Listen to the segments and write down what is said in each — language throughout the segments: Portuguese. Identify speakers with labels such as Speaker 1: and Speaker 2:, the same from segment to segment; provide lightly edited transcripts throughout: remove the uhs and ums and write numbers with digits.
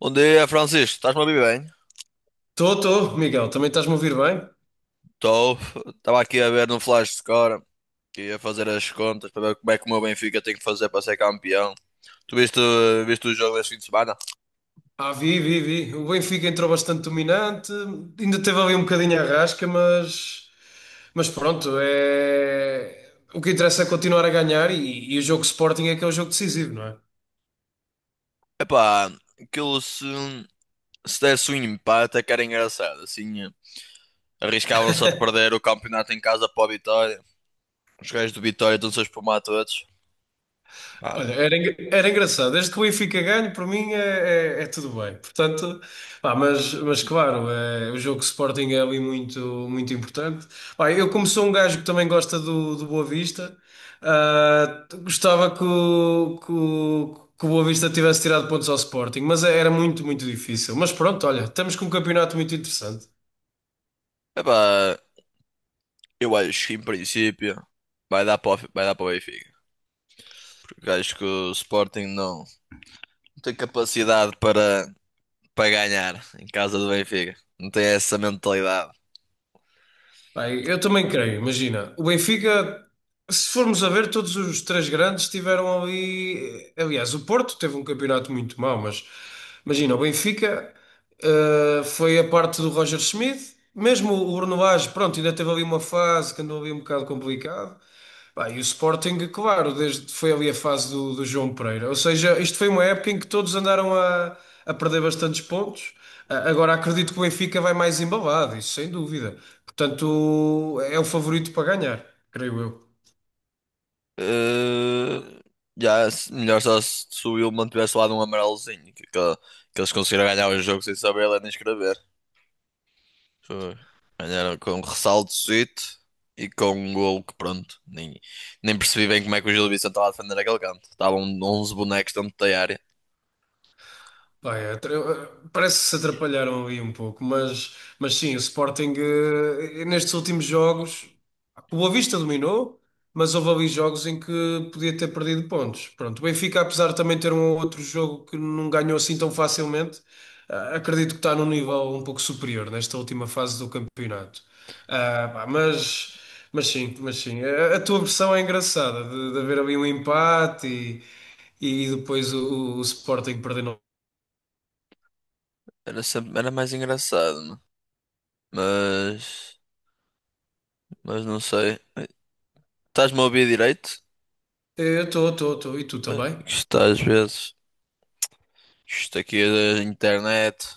Speaker 1: Bom dia, Francisco. Estás-me a ouvir bem?
Speaker 2: Estou, estou, Miguel, também estás-me a ouvir bem?
Speaker 1: Estou. Estava aqui a ver no Flash Score que ia fazer as contas para ver como é que o meu Benfica tem que fazer para ser campeão. Tu viste o jogo deste fim de semana?
Speaker 2: Ah, vi. O Benfica entrou bastante dominante, ainda teve ali um bocadinho a rasca, mas pronto, o que interessa é continuar a ganhar e o jogo Sporting é que é o jogo decisivo, não é?
Speaker 1: Epá, aquilo se desse um empate é que era engraçado. Assim, arriscavam-se a perder o campeonato em casa para o Vitória. Os gajos do Vitória estão-se a espumar todos. Pá.
Speaker 2: Olha, era, era engraçado. Desde que o Benfica ganhe, para mim é tudo bem. Portanto, pá, mas claro, é, o jogo Sporting é ali muito, muito importante. Pá, eu, como sou um gajo que também gosta do, do Boa Vista, gostava que o Boa Vista tivesse tirado pontos ao Sporting, mas era muito, muito difícil. Mas pronto, olha, estamos com um campeonato muito interessante.
Speaker 1: Epá, eu acho que em princípio vai dar para o Benfica. Porque acho que o Sporting não tem capacidade para ganhar em casa do Benfica. Não tem essa mentalidade.
Speaker 2: Bem, eu também creio, imagina, o Benfica, se formos a ver, todos os três grandes tiveram ali. Aliás, o Porto teve um campeonato muito mau, mas imagina, o Benfica foi a parte do Roger Schmidt, mesmo o Bruno Lage, pronto, ainda teve ali uma fase que andou ali um bocado complicado. Bem, e o Sporting, claro, desde foi ali a fase do, do João Pereira. Ou seja, isto foi uma época em que todos andaram a perder bastantes pontos. Agora acredito que o Benfica vai mais embalado, isso sem dúvida. Portanto, é o favorito para ganhar, creio eu.
Speaker 1: Eh, já, melhor só se o Wilman tivesse lá de um amarelozinho, que eles conseguiram ganhar o jogo sem saber ler nem escrever. Foi. Mas era com um ressaltozito e com um golo que pronto. Nem percebi bem como é que o Gil Vicente estava a defender aquele canto. Estavam 11 bonecos dentro da área.
Speaker 2: Pá, é, parece que se atrapalharam ali um pouco, mas sim, o Sporting nestes últimos jogos, o Boa Vista dominou, mas houve ali jogos em que podia ter perdido pontos. Pronto, o Benfica, apesar de também ter um outro jogo que não ganhou assim tão facilmente, acredito que está num nível um pouco superior nesta última fase do campeonato. Ah, pá, mas, mas sim, a tua versão é engraçada, de haver ali um empate e depois o Sporting perdendo.
Speaker 1: Era mais engraçado, né? Mas, mas não sei. Estás-me a ouvir direito?
Speaker 2: Eu estou, estou. E tu também?
Speaker 1: Isto às vezes. Isto aqui é da internet.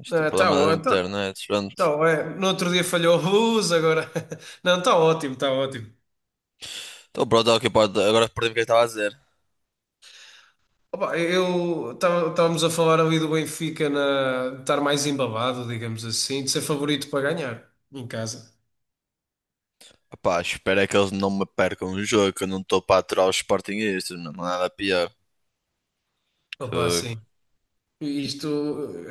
Speaker 1: Isto é
Speaker 2: Ah, tá,
Speaker 1: problema da
Speaker 2: ó- tá,
Speaker 1: internet. Pronto.
Speaker 2: é. No outro dia falhou a luz, agora. Não, está ótimo, está ótimo.
Speaker 1: Então pronto, é o que pode. Agora perdi o que eu estava a dizer.
Speaker 2: Opa, estávamos a falar ali do Benfica na, de estar mais embabado, digamos assim, de ser favorito para ganhar em casa.
Speaker 1: Epá, espero é que eles não me percam o jogo, que eu não estou para aturar os Sportingistas, não há nada pior.
Speaker 2: Opa,
Speaker 1: Foi.
Speaker 2: sim. Isto,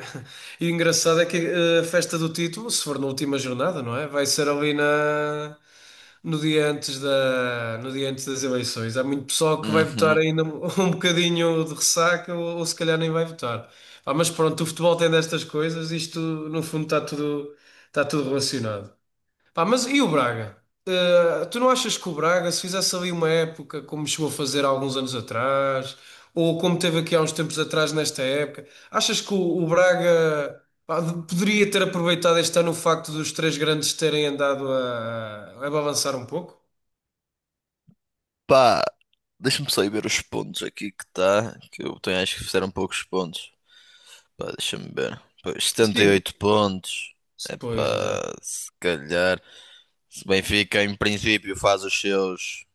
Speaker 2: eh, e o engraçado é que a festa do título, se for na última jornada, não é? Vai ser ali na, no dia antes da, no dia antes das eleições. Há muito pessoal que vai votar
Speaker 1: Uhum.
Speaker 2: ainda um um bocadinho de ressaca ou se calhar nem vai votar. Ah, mas pronto, o futebol tem destas coisas, isto no fundo está tudo relacionado. Pá, mas e o Braga? Tu não achas que o Braga, se fizesse ali uma época como chegou a fazer há alguns anos atrás, ou como teve aqui há uns tempos atrás nesta época, achas que o Braga pá, poderia ter aproveitado este ano o facto dos três grandes terem andado a avançar um pouco?
Speaker 1: Pá, deixa-me só ir ver os pontos aqui que está. Que eu tenho, acho que fizeram poucos pontos. Pá, deixa-me ver. Pois,
Speaker 2: Sim,
Speaker 1: 78 pontos. É
Speaker 2: pois, exato.
Speaker 1: pá, se calhar. Se o Benfica, em princípio, faz os seus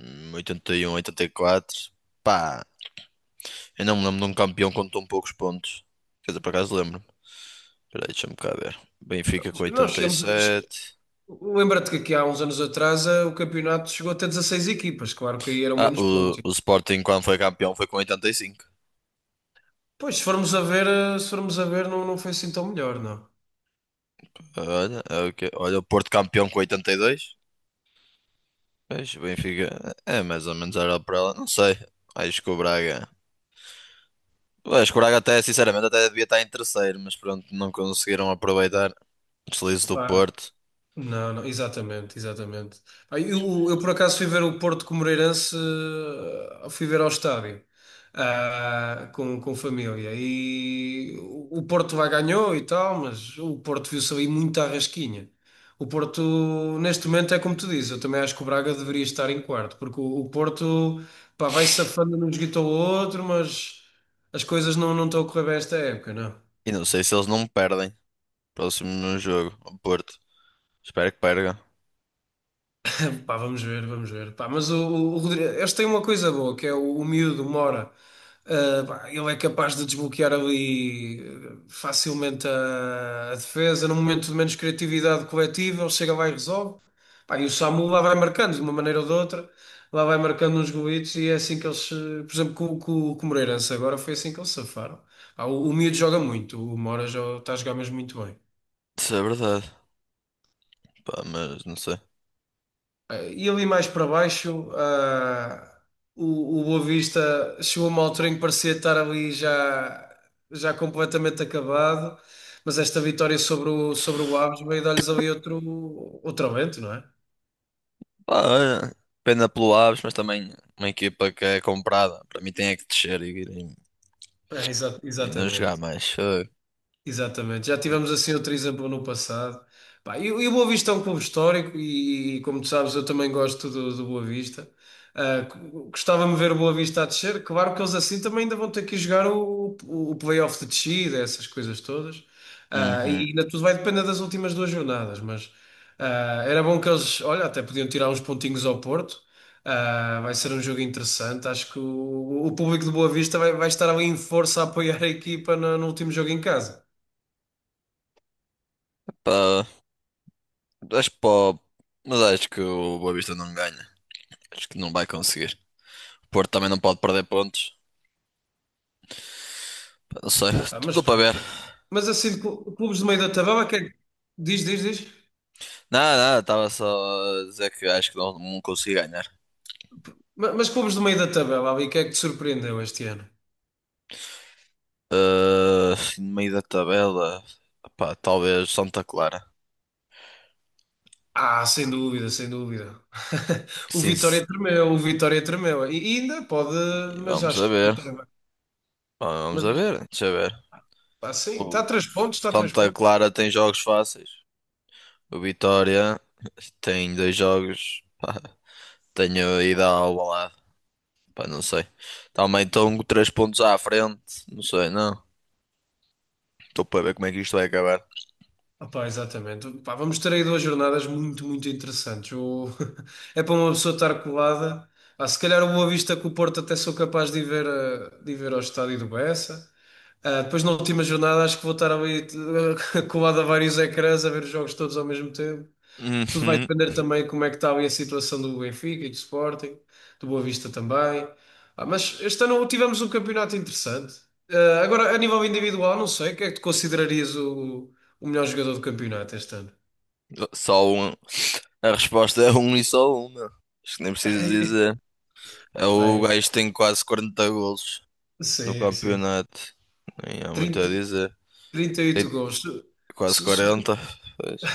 Speaker 1: 81, 84. Pá, eu não me lembro de um campeão com tão poucos pontos. Quer dizer, por acaso lembro-me. Espera aí, deixa-me cá ver. Benfica com
Speaker 2: Nós chegamos. che-
Speaker 1: 87.
Speaker 2: Lembra-te que aqui há uns anos atrás o campeonato chegou até 16 equipas, claro que aí eram
Speaker 1: Ah,
Speaker 2: menos
Speaker 1: o,
Speaker 2: pontos.
Speaker 1: o Sporting, quando foi campeão, foi com 85.
Speaker 2: Pois, se formos a ver, eh, se formos a ver, não, não foi assim tão melhor, não.
Speaker 1: Olha, é o que- olha, o Porto campeão com 82. Pois, o Benfica é mais ou menos era para ela. Não sei. Acho que o Braga. Acho que o Braga até, sinceramente, até devia estar em terceiro, mas pronto, não conseguiram aproveitar o deslize do
Speaker 2: Pá,
Speaker 1: Porto.
Speaker 2: não, não, exatamente, exatamente. Ah, eu por acaso fui ver o Porto com o Moreirense, fui ver ao estádio, com família. E o Porto lá ganhou e tal, mas o Porto viu-se ali muito à rasquinha. O Porto, neste momento, é como tu dizes, eu também acho que o Braga deveria estar em quarto, porque o Porto, pá, vai safando num joguito ao outro, mas as coisas não estão a correr bem esta época, não.
Speaker 1: E não sei se eles não perdem. Próximo no jogo, o Porto. Espero que perca.
Speaker 2: Pá, vamos ver, vamos ver. Pá, mas o Rodrigo, este tem uma coisa boa, que é o miúdo Mora. Ah, pá, ele é capaz de desbloquear ali facilmente a defesa, num momento de menos criatividade coletiva, ele chega lá e resolve. Pá, e o Samu lá vai marcando, de uma maneira ou de outra, lá vai marcando uns golitos e é assim que eles, por exemplo, com o Moreirense agora foi assim que eles safaram. Pá, o miúdo joga muito, o Mora já está a jogar mesmo muito bem.
Speaker 1: Isso é verdade. Pá, mas não sei.
Speaker 2: E ali mais para baixo, o Boa Vista chegou a uma altura em que parecia estar ali já completamente acabado, mas esta vitória sobre o Aves veio dar-lhes ali outro aumento, não é?
Speaker 1: Pá, olha, pena pelo Aves, mas também uma equipa que é comprada. Para mim tem é que descer e, e,
Speaker 2: É,
Speaker 1: e não jogar
Speaker 2: exatamente.
Speaker 1: mais. Foi.
Speaker 2: Exatamente, já tivemos assim outro exemplo no passado. Pá, e o Boa Vista é um clube histórico e, como tu sabes, eu também gosto do, do Boa Vista. Ah, gostava-me de ver o Boa Vista a descer. Claro que eles assim também ainda vão ter que jogar o play-off de descida, essas coisas todas. Ah,
Speaker 1: Uhum.
Speaker 2: e ainda tudo vai depender das últimas duas jornadas, mas era bom que eles, olha, até podiam tirar uns pontinhos ao Porto. Ah, vai ser um jogo interessante. Acho que o público do Boa Vista vai, vai estar ali em força a apoiar a equipa no último jogo em casa.
Speaker 1: Pá, acho que pá, mas acho que o Boa Vista não ganha. Acho que não vai conseguir. O Porto também não pode perder pontos. Pá, não sei,
Speaker 2: Ah, mas
Speaker 1: estou
Speaker 2: pronto.
Speaker 1: para ver.
Speaker 2: Mas assim, de clubes do meio da tabela, diz, diz, diz.
Speaker 1: Nada, nada, estava só a dizer que acho que não consigo ganhar.
Speaker 2: Mas, clubes do meio da tabela, ali, que é que te surpreendeu este ano?
Speaker 1: Ah, no meio da tabela, pá, talvez Santa Clara.
Speaker 2: Ah, sem dúvida, sem dúvida. O
Speaker 1: Sim,
Speaker 2: Vitória tremeu, o Vitória tremeu. E ainda pode, mas
Speaker 1: vamos a
Speaker 2: acho que o
Speaker 1: ver.
Speaker 2: Vitória vai.
Speaker 1: Vamos
Speaker 2: Mas
Speaker 1: a
Speaker 2: acho-
Speaker 1: ver, deixa eu ver.
Speaker 2: Pá, sim, está
Speaker 1: O
Speaker 2: a três pontos, está a três
Speaker 1: Santa
Speaker 2: pontos.
Speaker 1: Clara tem jogos fáceis. O Vitória tem dois jogos. Pá, tenho ido ao Alvalade. Pá, não sei. Também estão três pontos à frente. Não sei, não. Estou para ver como é que isto vai acabar.
Speaker 2: Ah, pá, exatamente. Pá, vamos ter aí duas jornadas muito, muito interessantes. É para uma pessoa estar colada. Ah, se calhar o Boa Vista com o Porto até sou capaz de ir ver, de ir ver ao estádio do Bessa. Ah, depois na última jornada acho que vou estar ali colado a vários ecrãs a ver os jogos todos ao mesmo tempo. Tudo vai
Speaker 1: Uhum.
Speaker 2: depender também como é que está ali a situação do Benfica e do Sporting, do Boa Vista também. Ah, mas este ano tivemos um campeonato interessante. Ah, agora, a nível individual, não sei, quem é que tu considerarias o melhor jogador do campeonato este ano?
Speaker 1: Só um. A resposta é um e só uma. Acho que nem preciso dizer. É o
Speaker 2: Vai,
Speaker 1: gajo que tem quase 40 golos no
Speaker 2: sim, sim.
Speaker 1: campeonato. Nem há muito a
Speaker 2: 30,
Speaker 1: dizer. Tem
Speaker 2: 38 gols.
Speaker 1: quase
Speaker 2: Se- se-
Speaker 1: 40. Pois.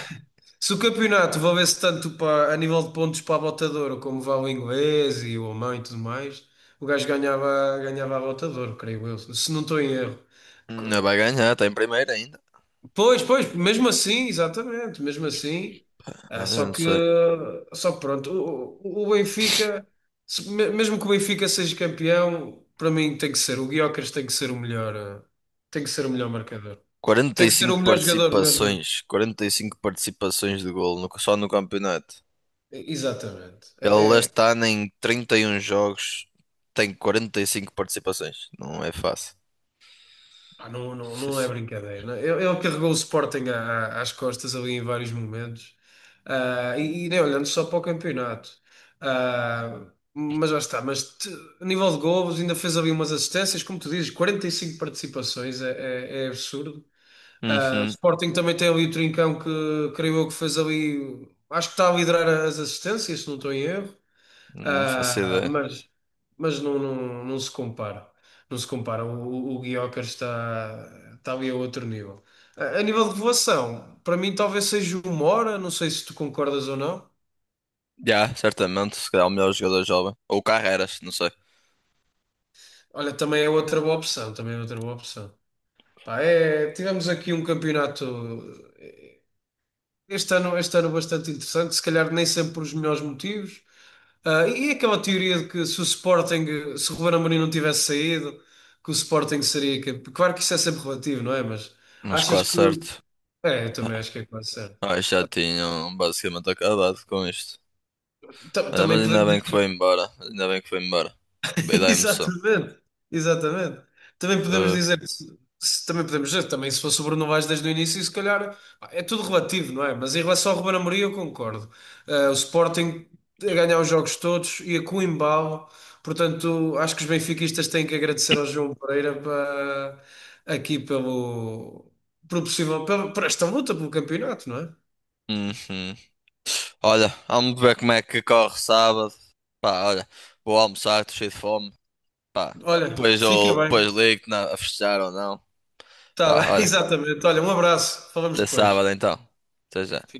Speaker 2: Se o campeonato valesse tanto para, a nível de pontos para a Bota de Ouro como vale o inglês e o alemão e tudo mais, o gajo ganhava, ganhava a Bota de Ouro, creio eu, se não estou em erro.
Speaker 1: Ainda vai ganhar, está em primeiro ainda.
Speaker 2: Pois, pois, mesmo assim, exatamente, mesmo assim. Ah,
Speaker 1: Ah, eu
Speaker 2: só
Speaker 1: não
Speaker 2: que,
Speaker 1: sei.
Speaker 2: só que pronto, o Benfica, mesmo que o Benfica seja campeão, para mim tem que ser, o Gyökeres tem que ser o melhor, tem que ser o melhor marcador. Tem que ser o
Speaker 1: 45
Speaker 2: melhor jogador, o melhor jogador.
Speaker 1: participações, 45 participações de golo só no campeonato.
Speaker 2: Exatamente.
Speaker 1: Ele está em 31 jogos, tem 45 participações. Não é fácil.
Speaker 2: Pá, não, não,
Speaker 1: Sim,
Speaker 2: não é
Speaker 1: sim.
Speaker 2: brincadeira. Não. é? Ele carregou o Sporting às costas ali em vários momentos. Ah, e nem olhando só para o campeonato. Ah, mas já está. A nível de golos, ainda fez ali umas assistências, como tu dizes, 45 participações, é, é absurdo. Ah, o
Speaker 1: Uhum.
Speaker 2: Sporting também tem ali o Trincão que creio eu que fez ali. Acho que está a liderar as assistências, se não estou em erro.
Speaker 1: Não faço
Speaker 2: Ah,
Speaker 1: ideia.
Speaker 2: mas não, não, não se compara. Não se compara. O Gyökeres está, está ali a outro nível. A nível de voação, para mim talvez seja o Mora, não sei se tu concordas ou não.
Speaker 1: Já, certamente, se calhar o melhor jogador jovem. Ou Carreras, não sei.
Speaker 2: Olha, também é outra boa opção, também é outra boa opção. Pá, é, tivemos aqui um campeonato este ano bastante interessante, se calhar nem sempre por os melhores motivos. Ah, e aquela teoria de que se o Sporting, se o Ruben Amorim não tivesse saído, que o Sporting seria campeão. Claro que isso é sempre relativo, não é? Mas
Speaker 1: Mas
Speaker 2: achas
Speaker 1: quase
Speaker 2: que.
Speaker 1: certo.
Speaker 2: É, eu também acho que é quase certo.
Speaker 1: Ah, já tinham basicamente acabado com isto. Ah, mas
Speaker 2: Também
Speaker 1: ainda
Speaker 2: podemos
Speaker 1: bem que foi
Speaker 2: dizer.
Speaker 1: embora. Ainda bem que foi embora. Bem da emoção.
Speaker 2: Exatamente, exatamente.
Speaker 1: Foi.
Speaker 2: Também podemos dizer, que também se fosse o Bruno Vaz desde o início, se calhar pá, é tudo relativo, não é? Mas em relação ao Ruben Amorim, eu concordo. O Sporting a ganhar os jogos todos e a com embalo, portanto, acho que os benfiquistas têm que agradecer ao João Pereira aqui pelo possível, pelo, por esta luta pelo campeonato, não é?
Speaker 1: Uhum. Olha, vamos ver como é que corre sábado. Pá, olha, vou almoçar, estou cheio de fome. Pá,
Speaker 2: Olha,
Speaker 1: depois
Speaker 2: fica
Speaker 1: eu
Speaker 2: bem,
Speaker 1: depois ligo-te a festejar ou não.
Speaker 2: está
Speaker 1: Pá,
Speaker 2: bem,
Speaker 1: olha,
Speaker 2: exatamente. Olha, um abraço, falamos
Speaker 1: até
Speaker 2: depois.
Speaker 1: sábado então. Até já.